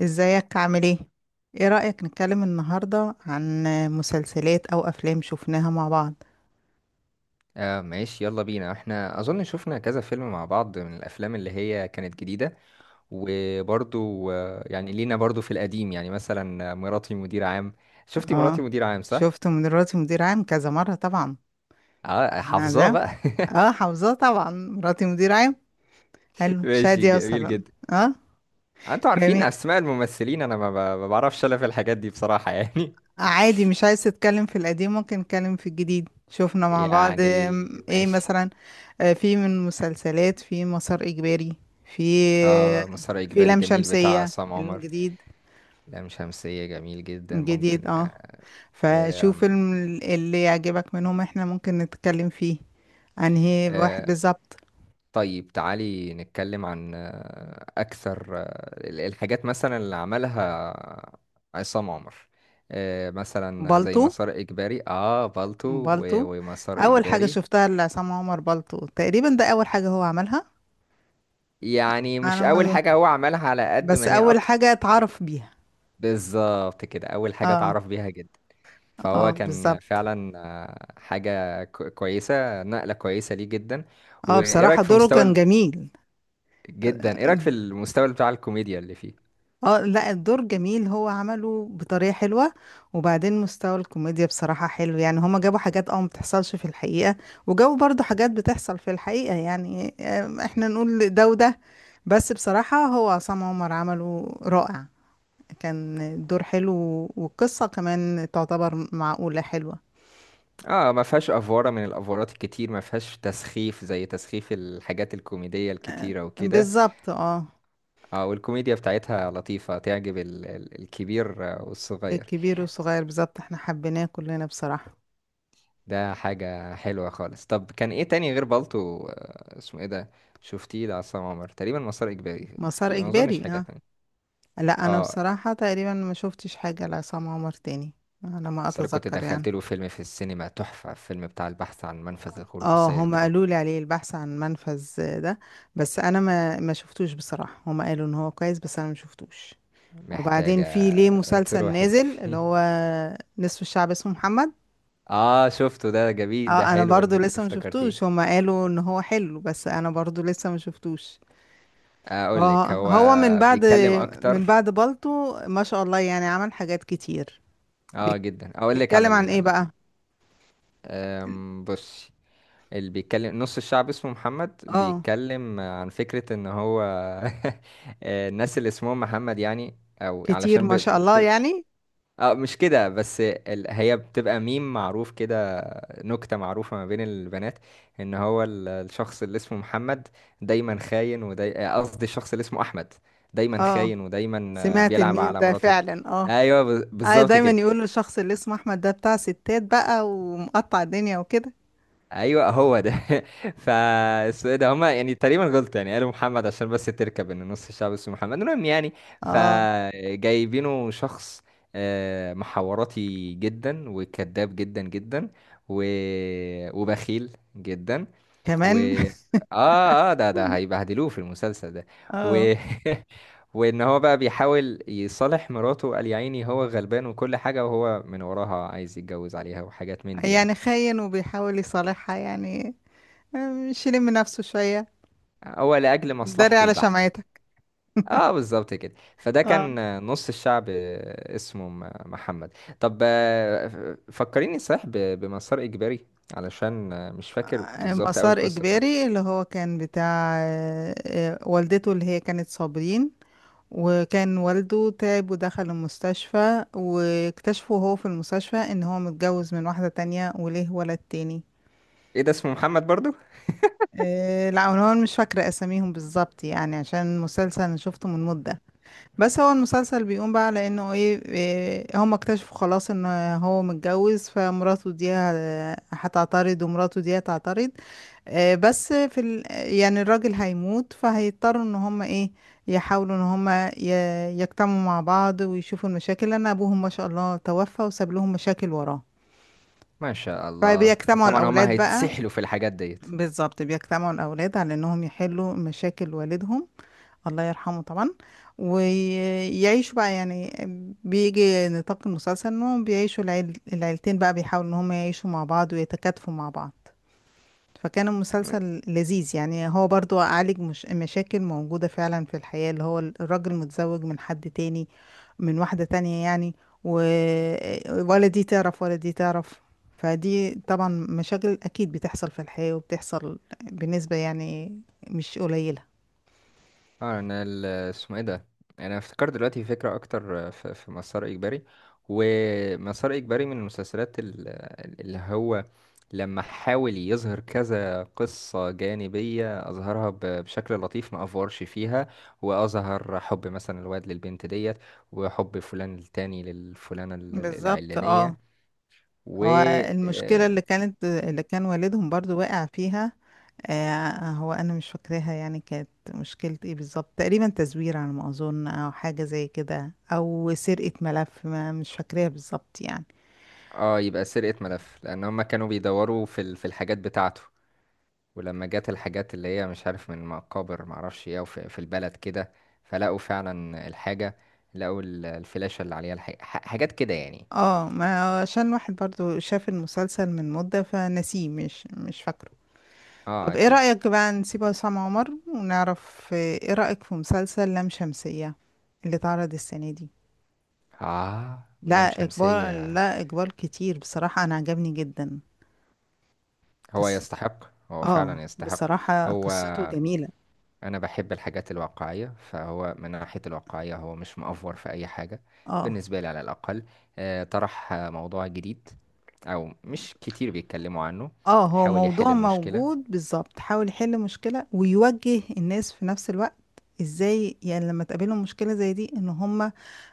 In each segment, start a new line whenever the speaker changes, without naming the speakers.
ازيك عامل ايه؟ ايه رأيك نتكلم النهاردة عن مسلسلات او افلام شفناها مع بعض؟
آه، ماشي، يلا بينا. احنا اظن شفنا كذا فيلم مع بعض، من الافلام اللي هي كانت جديدة. وبرضو يعني لينا برضو في القديم، يعني مثلا مراتي مدير عام. شفتي مراتي
اه،
مدير عام، صح؟
شفت من مراتي مدير عام كذا مرة طبعا.
اه،
احنا ده...
حافظاه بقى.
اه، حافظاه طبعا مراتي مدير عام. حلو،
ماشي،
شادية
جميل
مثلا.
جدا.
اه
انتوا عارفين
جميل.
اسماء الممثلين، انا ما بعرفش الا في الحاجات دي بصراحة يعني.
عادي، مش عايز تتكلم في القديم؟ ممكن نتكلم في الجديد. شفنا مع بعض
يعني
ايه
ماشي.
مثلا؟ في من مسلسلات، في مسار اجباري، في...
اه، مسار
في
اجباري
لام
جميل بتاع
شمسية
عصام عمر.
الجديد.
لام شمسية جميل جدا،
الجديد
ممكن.
اه.
آه،
فشوف
آم،
اللي يعجبك منهم، احنا ممكن نتكلم فيه. انهي واحد
آه،
بالظبط؟
طيب، تعالي نتكلم عن أكثر الحاجات مثلا اللي عملها عصام عمر. مثلا زي
بالطو.
مسار إجباري، بالطو و-
بالطو.
ومسار
اول حاجة
إجباري.
شفتها لعصام عمر بالطو، تقريبا ده اول حاجة هو عملها.
يعني مش
انا
أول
ما أظن-
حاجة هو عملها، على قد
بس
ما هي
اول
أكتر.
حاجة اتعرف بيها.
بالظبط كده، أول حاجة
اه.
اتعرف بيها جدا.
اه
فهو كان
بالظبط.
فعلا حاجة كويسة، نقلة كويسة ليه جدا.
اه
وإيه
بصراحة
رأيك في
دوره
مستوى
كان
ال-
جميل.
جدا، إيه رأيك في المستوى بتاع الكوميديا اللي فيه؟
اه لا، الدور جميل، هو عمله بطريقة حلوة. وبعدين مستوى الكوميديا بصراحة حلو، يعني هما جابوا حاجات اه ما بتحصلش في الحقيقة، وجابوا برضو حاجات بتحصل في الحقيقة، يعني احنا نقول ده وده. بس بصراحة هو عصام عمر عمله رائع. كان الدور حلو، والقصة كمان تعتبر معقولة حلوة.
اه، ما فيهاش افوره من الافورات الكتير، ما فيهاش تسخيف زي تسخيف الحاجات الكوميديه الكتيره وكده.
بالظبط اه.
اه، والكوميديا بتاعتها لطيفه، تعجب الكبير والصغير.
الكبير والصغير بالظبط، احنا حبيناه كلنا بصراحة.
ده حاجه حلوه خالص. طب كان ايه تاني غير بالطو؟ اسمه ايه ده؟ شفتيه لعصام عمر تقريبا مسار اجباري،
مسار
في ما اظنش
إجباري
حاجه
اه.
تانية.
لا انا
اه،
بصراحة تقريبا ما شفتش حاجة لعصام عمر تاني، على ما
بس أنا كنت
اتذكر يعني.
دخلت له فيلم في السينما تحفه، فيلم بتاع البحث عن منفذ لخروج
اه
السيد
هما
رامبو.
قالوا لي عليه البحث عن منفذ. ده بس انا ما شفتوش بصراحة، هما قالوا ان هو كويس بس انا ما شفتوش. وبعدين في
محتاجه
ليه مسلسل
تروحي
نازل اللي
تشوفيه.
هو نصف الشعب اسمه محمد.
اه، شفته، ده جميل، ده
اه انا
حلو
برضو
انك
لسه ما
افتكرتيه.
شفتوش، هما قالوا ان هو حلو بس انا برضو لسه ما شفتوش.
اقول لك
اه
هو
هو من بعد...
بيتكلم
من
اكتر.
بعد بالطو ما شاء الله يعني عمل حاجات كتير.
اه
بيك-
جدا، اقول لك على
بيتكلم عن
ال...
ايه بقى؟
ال- أم، بصي. اللي بيتكلم نص الشعب اسمه محمد،
اه
بيتكلم عن فكرة ان هو الناس اللي اسمهم محمد، يعني، او
كتير
علشان
ما شاء الله
بتبقى.
يعني.
اه، مش كده بس، هي بتبقى ميم معروف كده، نكتة معروفة ما بين البنات. ان هو الشخص اللي اسمه محمد دايما خاين، وداي آه، قصدي الشخص اللي اسمه احمد، دايما
اه
خاين ودايما
سمعت
بيلعب
الميم
على
ده
مراته كده.
فعلا اه.
ايوه، ب-
آه
بالظبط
دايما
كده.
يقولوا الشخص اللي اسمه احمد ده بتاع ستات بقى ومقطع الدنيا وكده.
ايوه، هو ده. فاسمه إيه ده؟ هما يعني تقريبا غلط، يعني قالوا محمد عشان بس تركب ان نص الشعب اسمه محمد، المهم يعني.
اه
فجايبينه شخص محوراتي جدا، وكذاب جدا جدا، و... وبخيل جدا. و
كمان.
اه اه ده ده هيبهدلوه في المسلسل ده.
اه.
و وان هو بقى بيحاول يصالح مراته، وقال يا عيني هو غلبان وكل حاجة، وهو من وراها عايز يتجوز عليها وحاجات من دي يعني.
يعني خاين وبيحاول يصالحها يعني؟ مش يلم نفسه شوية؟
هو لأجل
داري
مصلحته
على
البحتة.
شمعتك.
اه، بالظبط كده، فده
اه.
كان نص الشعب اسمه محمد. طب فكريني صحيح بمسار إجباري، علشان مش فاكر بالظبط أول
مسار
القصة بتاعته.
إجباري اللي هو كان بتاع والدته، اللي هي كانت صابرين، وكان والده تعب ودخل المستشفى، واكتشفوا وهو في المستشفى ان هو متجوز من واحدة تانية وليه ولد تاني.
ايه ده اسمه محمد برضو؟
لا انا مش فاكرة اساميهم بالظبط يعني، عشان مسلسل انا شفته من مدة. بس هو المسلسل بيقوم بقى على انه ايه، هم اكتشفوا خلاص ان هو متجوز، فمراته دي هتعترض ومراته دي هتعترض. آه، بس في ال... يعني الراجل هيموت، فهيضطروا ان هم ايه يحاولوا ان هم ي... يجتمعوا مع بعض ويشوفوا المشاكل، لان ابوهم ما شاء الله توفى وساب لهم مشاكل وراه.
ما شاء الله.
فبيجتمعوا
طبعا هما
الاولاد بقى.
هيتسحلوا في الحاجات ديت.
بالظبط بيجتمعوا الاولاد على انهم يحلوا مشاكل والدهم، الله يرحمه طبعا، ويعيشوا بقى يعني. بيجي نطاق المسلسل انهم بيعيشوا العيلتين بقى، بيحاولوا ان هم يعيشوا مع بعض ويتكاتفوا مع بعض. فكان
اه،
المسلسل لذيذ، يعني هو برضو عالج مش مشاكل موجودة فعلا في الحياة، اللي هو الراجل متزوج من حد تاني، من واحدة تانية يعني. و... ولا دي تعرف ولا دي تعرف. فدي طبعا مشاكل أكيد بتحصل في الحياة، وبتحصل بنسبة يعني مش قليلة.
انا اسمه ايه ده؟ يعني انا افتكرت دلوقتي فكره اكتر في مسار اجباري. ومسار اجباري من المسلسلات اللي هو لما حاول يظهر كذا قصه جانبيه، اظهرها بشكل لطيف، ما افورش فيها. واظهر حب مثلا الواد للبنت ديت، وحب فلان التاني للفلانه ال- ال-
بالظبط اه.
العلانيه و
هو المشكلة
اه
اللي كان والدهم برضو واقع فيها، هو أنا مش فاكراها يعني، كانت مشكلة ايه بالظبط؟ تقريبا تزوير على ما أظن، أو حاجة زي كده، أو سرقة ملف ما، مش فاكراها بالظبط يعني.
آه، يبقى سرقه ملف، لان هم كانوا بيدوروا في في الحاجات بتاعته. ولما جت الحاجات اللي هي مش عارف من مقابر، معرفش ايه، وفي البلد كده، فلقوا فعلا الحاجة، لقوا الفلاشة اللي عليها الحاجة، حاجات كده يعني.
اه ما عشان واحد برضو شاف المسلسل من مدة فنسيه، مش فاكره.
اه
طب ايه
اكيد.
رأيك بقى نسيب عصام عمر، ونعرف ايه رأيك في مسلسل لام شمسية اللي اتعرض السنة دي؟
اه، لام
لا إقبال
شمسية.
لا إقبال كتير بصراحة، أنا عجبني جدا.
هو
قص...
يستحق. هو
اه
فعلا يستحق.
بصراحة
هو
قصته جميلة.
انا بحب الحاجات الواقعية، فهو من ناحية الواقعية هو مش مأفور في اي حاجة،
اه.
بالنسبة لي على الاقل. طرح موضوع جديد، او مش كتير بيتكلموا عنه.
اه هو
حاول يحل
موضوع
المشكلة.
موجود، بالظبط حاول يحل مشكلة ويوجه الناس في نفس الوقت. ازاي يعني لما تقابلهم مشكلة زي دي ان هم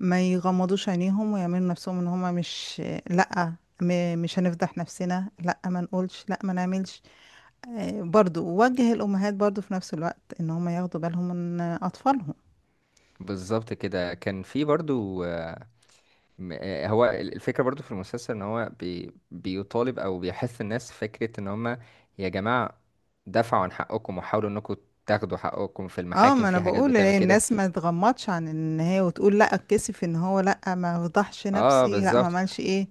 ما يغمضوش عينيهم ويعملوا نفسهم ان هم مش... لا، مش هنفضح نفسنا، لا ما نقولش، لا ما نعملش. برضو وجه الامهات برضو في نفس الوقت ان هم ياخدوا بالهم من اطفالهم.
بالظبط كده. كان في برضو هو الفكرة برضو في المسلسل ان هو بيطالب او بيحث الناس فكرة ان هم، يا جماعة، دافعوا عن حقكم وحاولوا انكم تاخدوا حقكم في
اه
المحاكم،
ما انا
في حاجات
بقول
بتعمل كده.
الناس ما تغمضش عن ان هي وتقول لا اتكسف ان هو، لا ما فضحش
اه
نفسي، لا ما
بالظبط.
عملش ايه.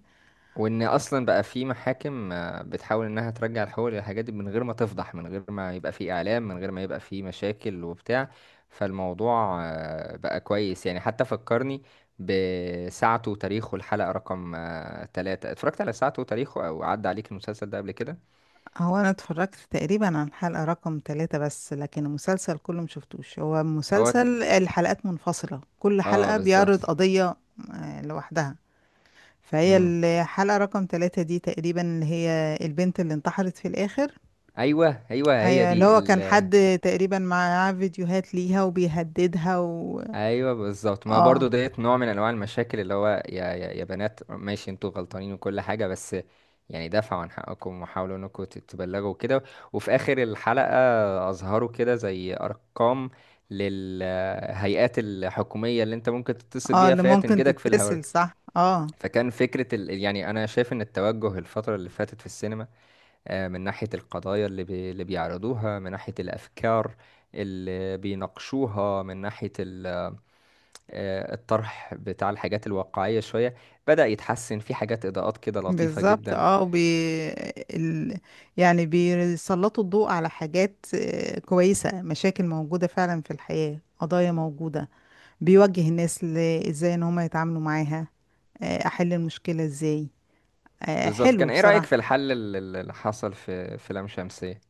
وان اصلا بقى في محاكم بتحاول انها ترجع الحقوق للحاجات دي، من غير ما تفضح، من غير ما يبقى في اعلام، من غير ما يبقى في مشاكل وبتاع. فالموضوع بقى كويس، يعني حتى فكرني بساعته وتاريخه. الحلقة رقم 3، اتفرجت على ساعته وتاريخه، او عدى عليك المسلسل ده قبل كده؟
هو انا اتفرجت تقريبا عن حلقة رقم 3، بس لكن المسلسل كله مشفتوش، هو
هو
مسلسل الحلقات منفصلة، كل
اه،
حلقة
بالظبط.
بيعرض قضية لوحدها. فهي
مم.
الحلقة رقم 3 دي تقريبا اللي هي البنت اللي انتحرت في الآخر.
ايوه ايوه، هي
أيوة، اللي
دي.
هو كان حد تقريبا معاه فيديوهات ليها وبيهددها
ايوه، بالظبط، ما برضو
اه.
ديت نوع من انواع المشاكل اللي هو، يا بنات، ماشي انتوا غلطانين وكل حاجه، بس يعني دافعوا عن حقكم وحاولوا انكم تتبلغوا كده. وفي اخر الحلقه اظهروا كده زي ارقام للهيئات الحكوميه اللي انت ممكن تتصل
اه
بيها
اللي
فهي
ممكن
تنجدك في الحوار.
تتصل، صح اه.
فكان فكره يعني انا شايف ان التوجه الفتره اللي فاتت في السينما من ناحيه القضايا اللي بيعرضوها، من ناحيه الافكار اللي بيناقشوها، من ناحيه ال... آه، الطرح بتاع الحاجات الواقعية شوية بدأ يتحسن، في حاجات إضاءات كده لطيفة
بالظبط
جدا.
اه ال... يعني بيسلطوا الضوء على حاجات كويسة، مشاكل موجودة فعلا في الحياة، قضايا موجودة. بيوجه الناس ازاي ان هم يتعاملوا معاها، احل المشكلة ازاي.
بالظبط،
حلو
كان إيه رأيك في
بصراحة.
الحل اللي حصل في لام شمسية؟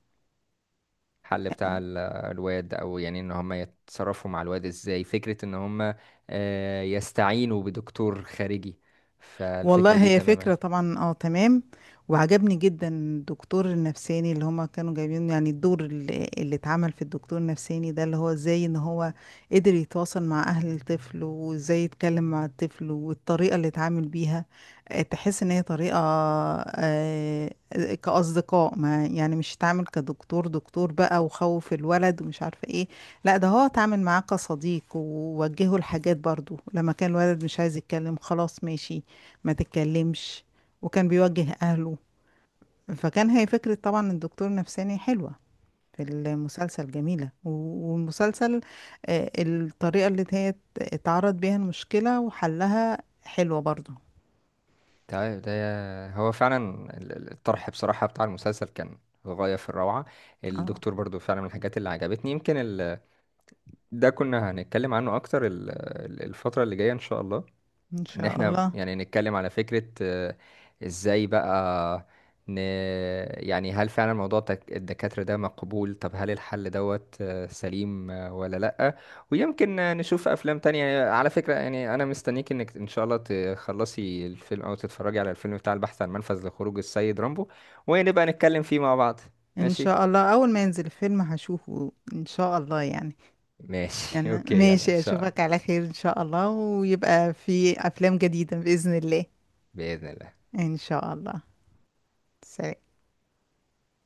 الحل بتاع الواد، أو يعني إن هم يتصرفوا مع الواد إزاي، فكرة إن هم يستعينوا بدكتور خارجي، فالفكرة
والله
دي
هي
تماما.
فكرة طبعا اه تمام. وعجبني جدا الدكتور النفساني اللي هما كانوا جايبين، يعني الدور اللي اتعمل في الدكتور النفساني ده، اللي هو ازاي ان هو قدر يتواصل مع اهل الطفل، وازاي يتكلم مع الطفل، والطريقة اللي اتعامل بيها، تحس ان هي طريقة آه، كأصدقاء ما يعني، مش اتعامل كدكتور دكتور بقى وخوف الولد ومش عارفة ايه. لا ده هو اتعامل معاه كصديق، ووجهه الحاجات برضو لما كان الولد مش عايز يتكلم خلاص ماشي ما تتكلمش، وكان بيوجه أهله. فكان هي فكرة طبعا الدكتور نفساني حلوة في المسلسل، جميلة والمسلسل، الطريقة اللي هي اتعرض بيها المشكلة وحلها حلوة برضو.
ده هو فعلا الطرح بصراحة بتاع المسلسل كان غاية في الروعة.
اه
الدكتور برضو فعلا من الحاجات اللي عجبتني، يمكن ده كنا هنتكلم عنه اكتر الفترة اللي جاية ان شاء الله.
ان
ان
شاء
احنا
الله.
يعني نتكلم على فكرة ازاي بقى ن... يعني هل فعلا موضوع الدكاترة ده مقبول؟ طب هل الحل دوت سليم ولا لأ؟ ويمكن نشوف افلام تانية على فكرة، يعني انا مستنيك انك ان شاء الله تخلصي الفيلم، او تتفرجي على الفيلم بتاع البحث عن منفذ لخروج السيد رامبو، ونبقى نتكلم فيه مع بعض.
ان
ماشي.
شاء الله اول ما ينزل الفيلم هشوفه ان شاء الله يعني.
ماشي.
يعني
اوكي، يلا ان
ماشي،
شاء الله.
اشوفك على خير ان شاء الله ويبقى في افلام جديدة بإذن الله.
بإذن الله.
ان شاء الله. سلام.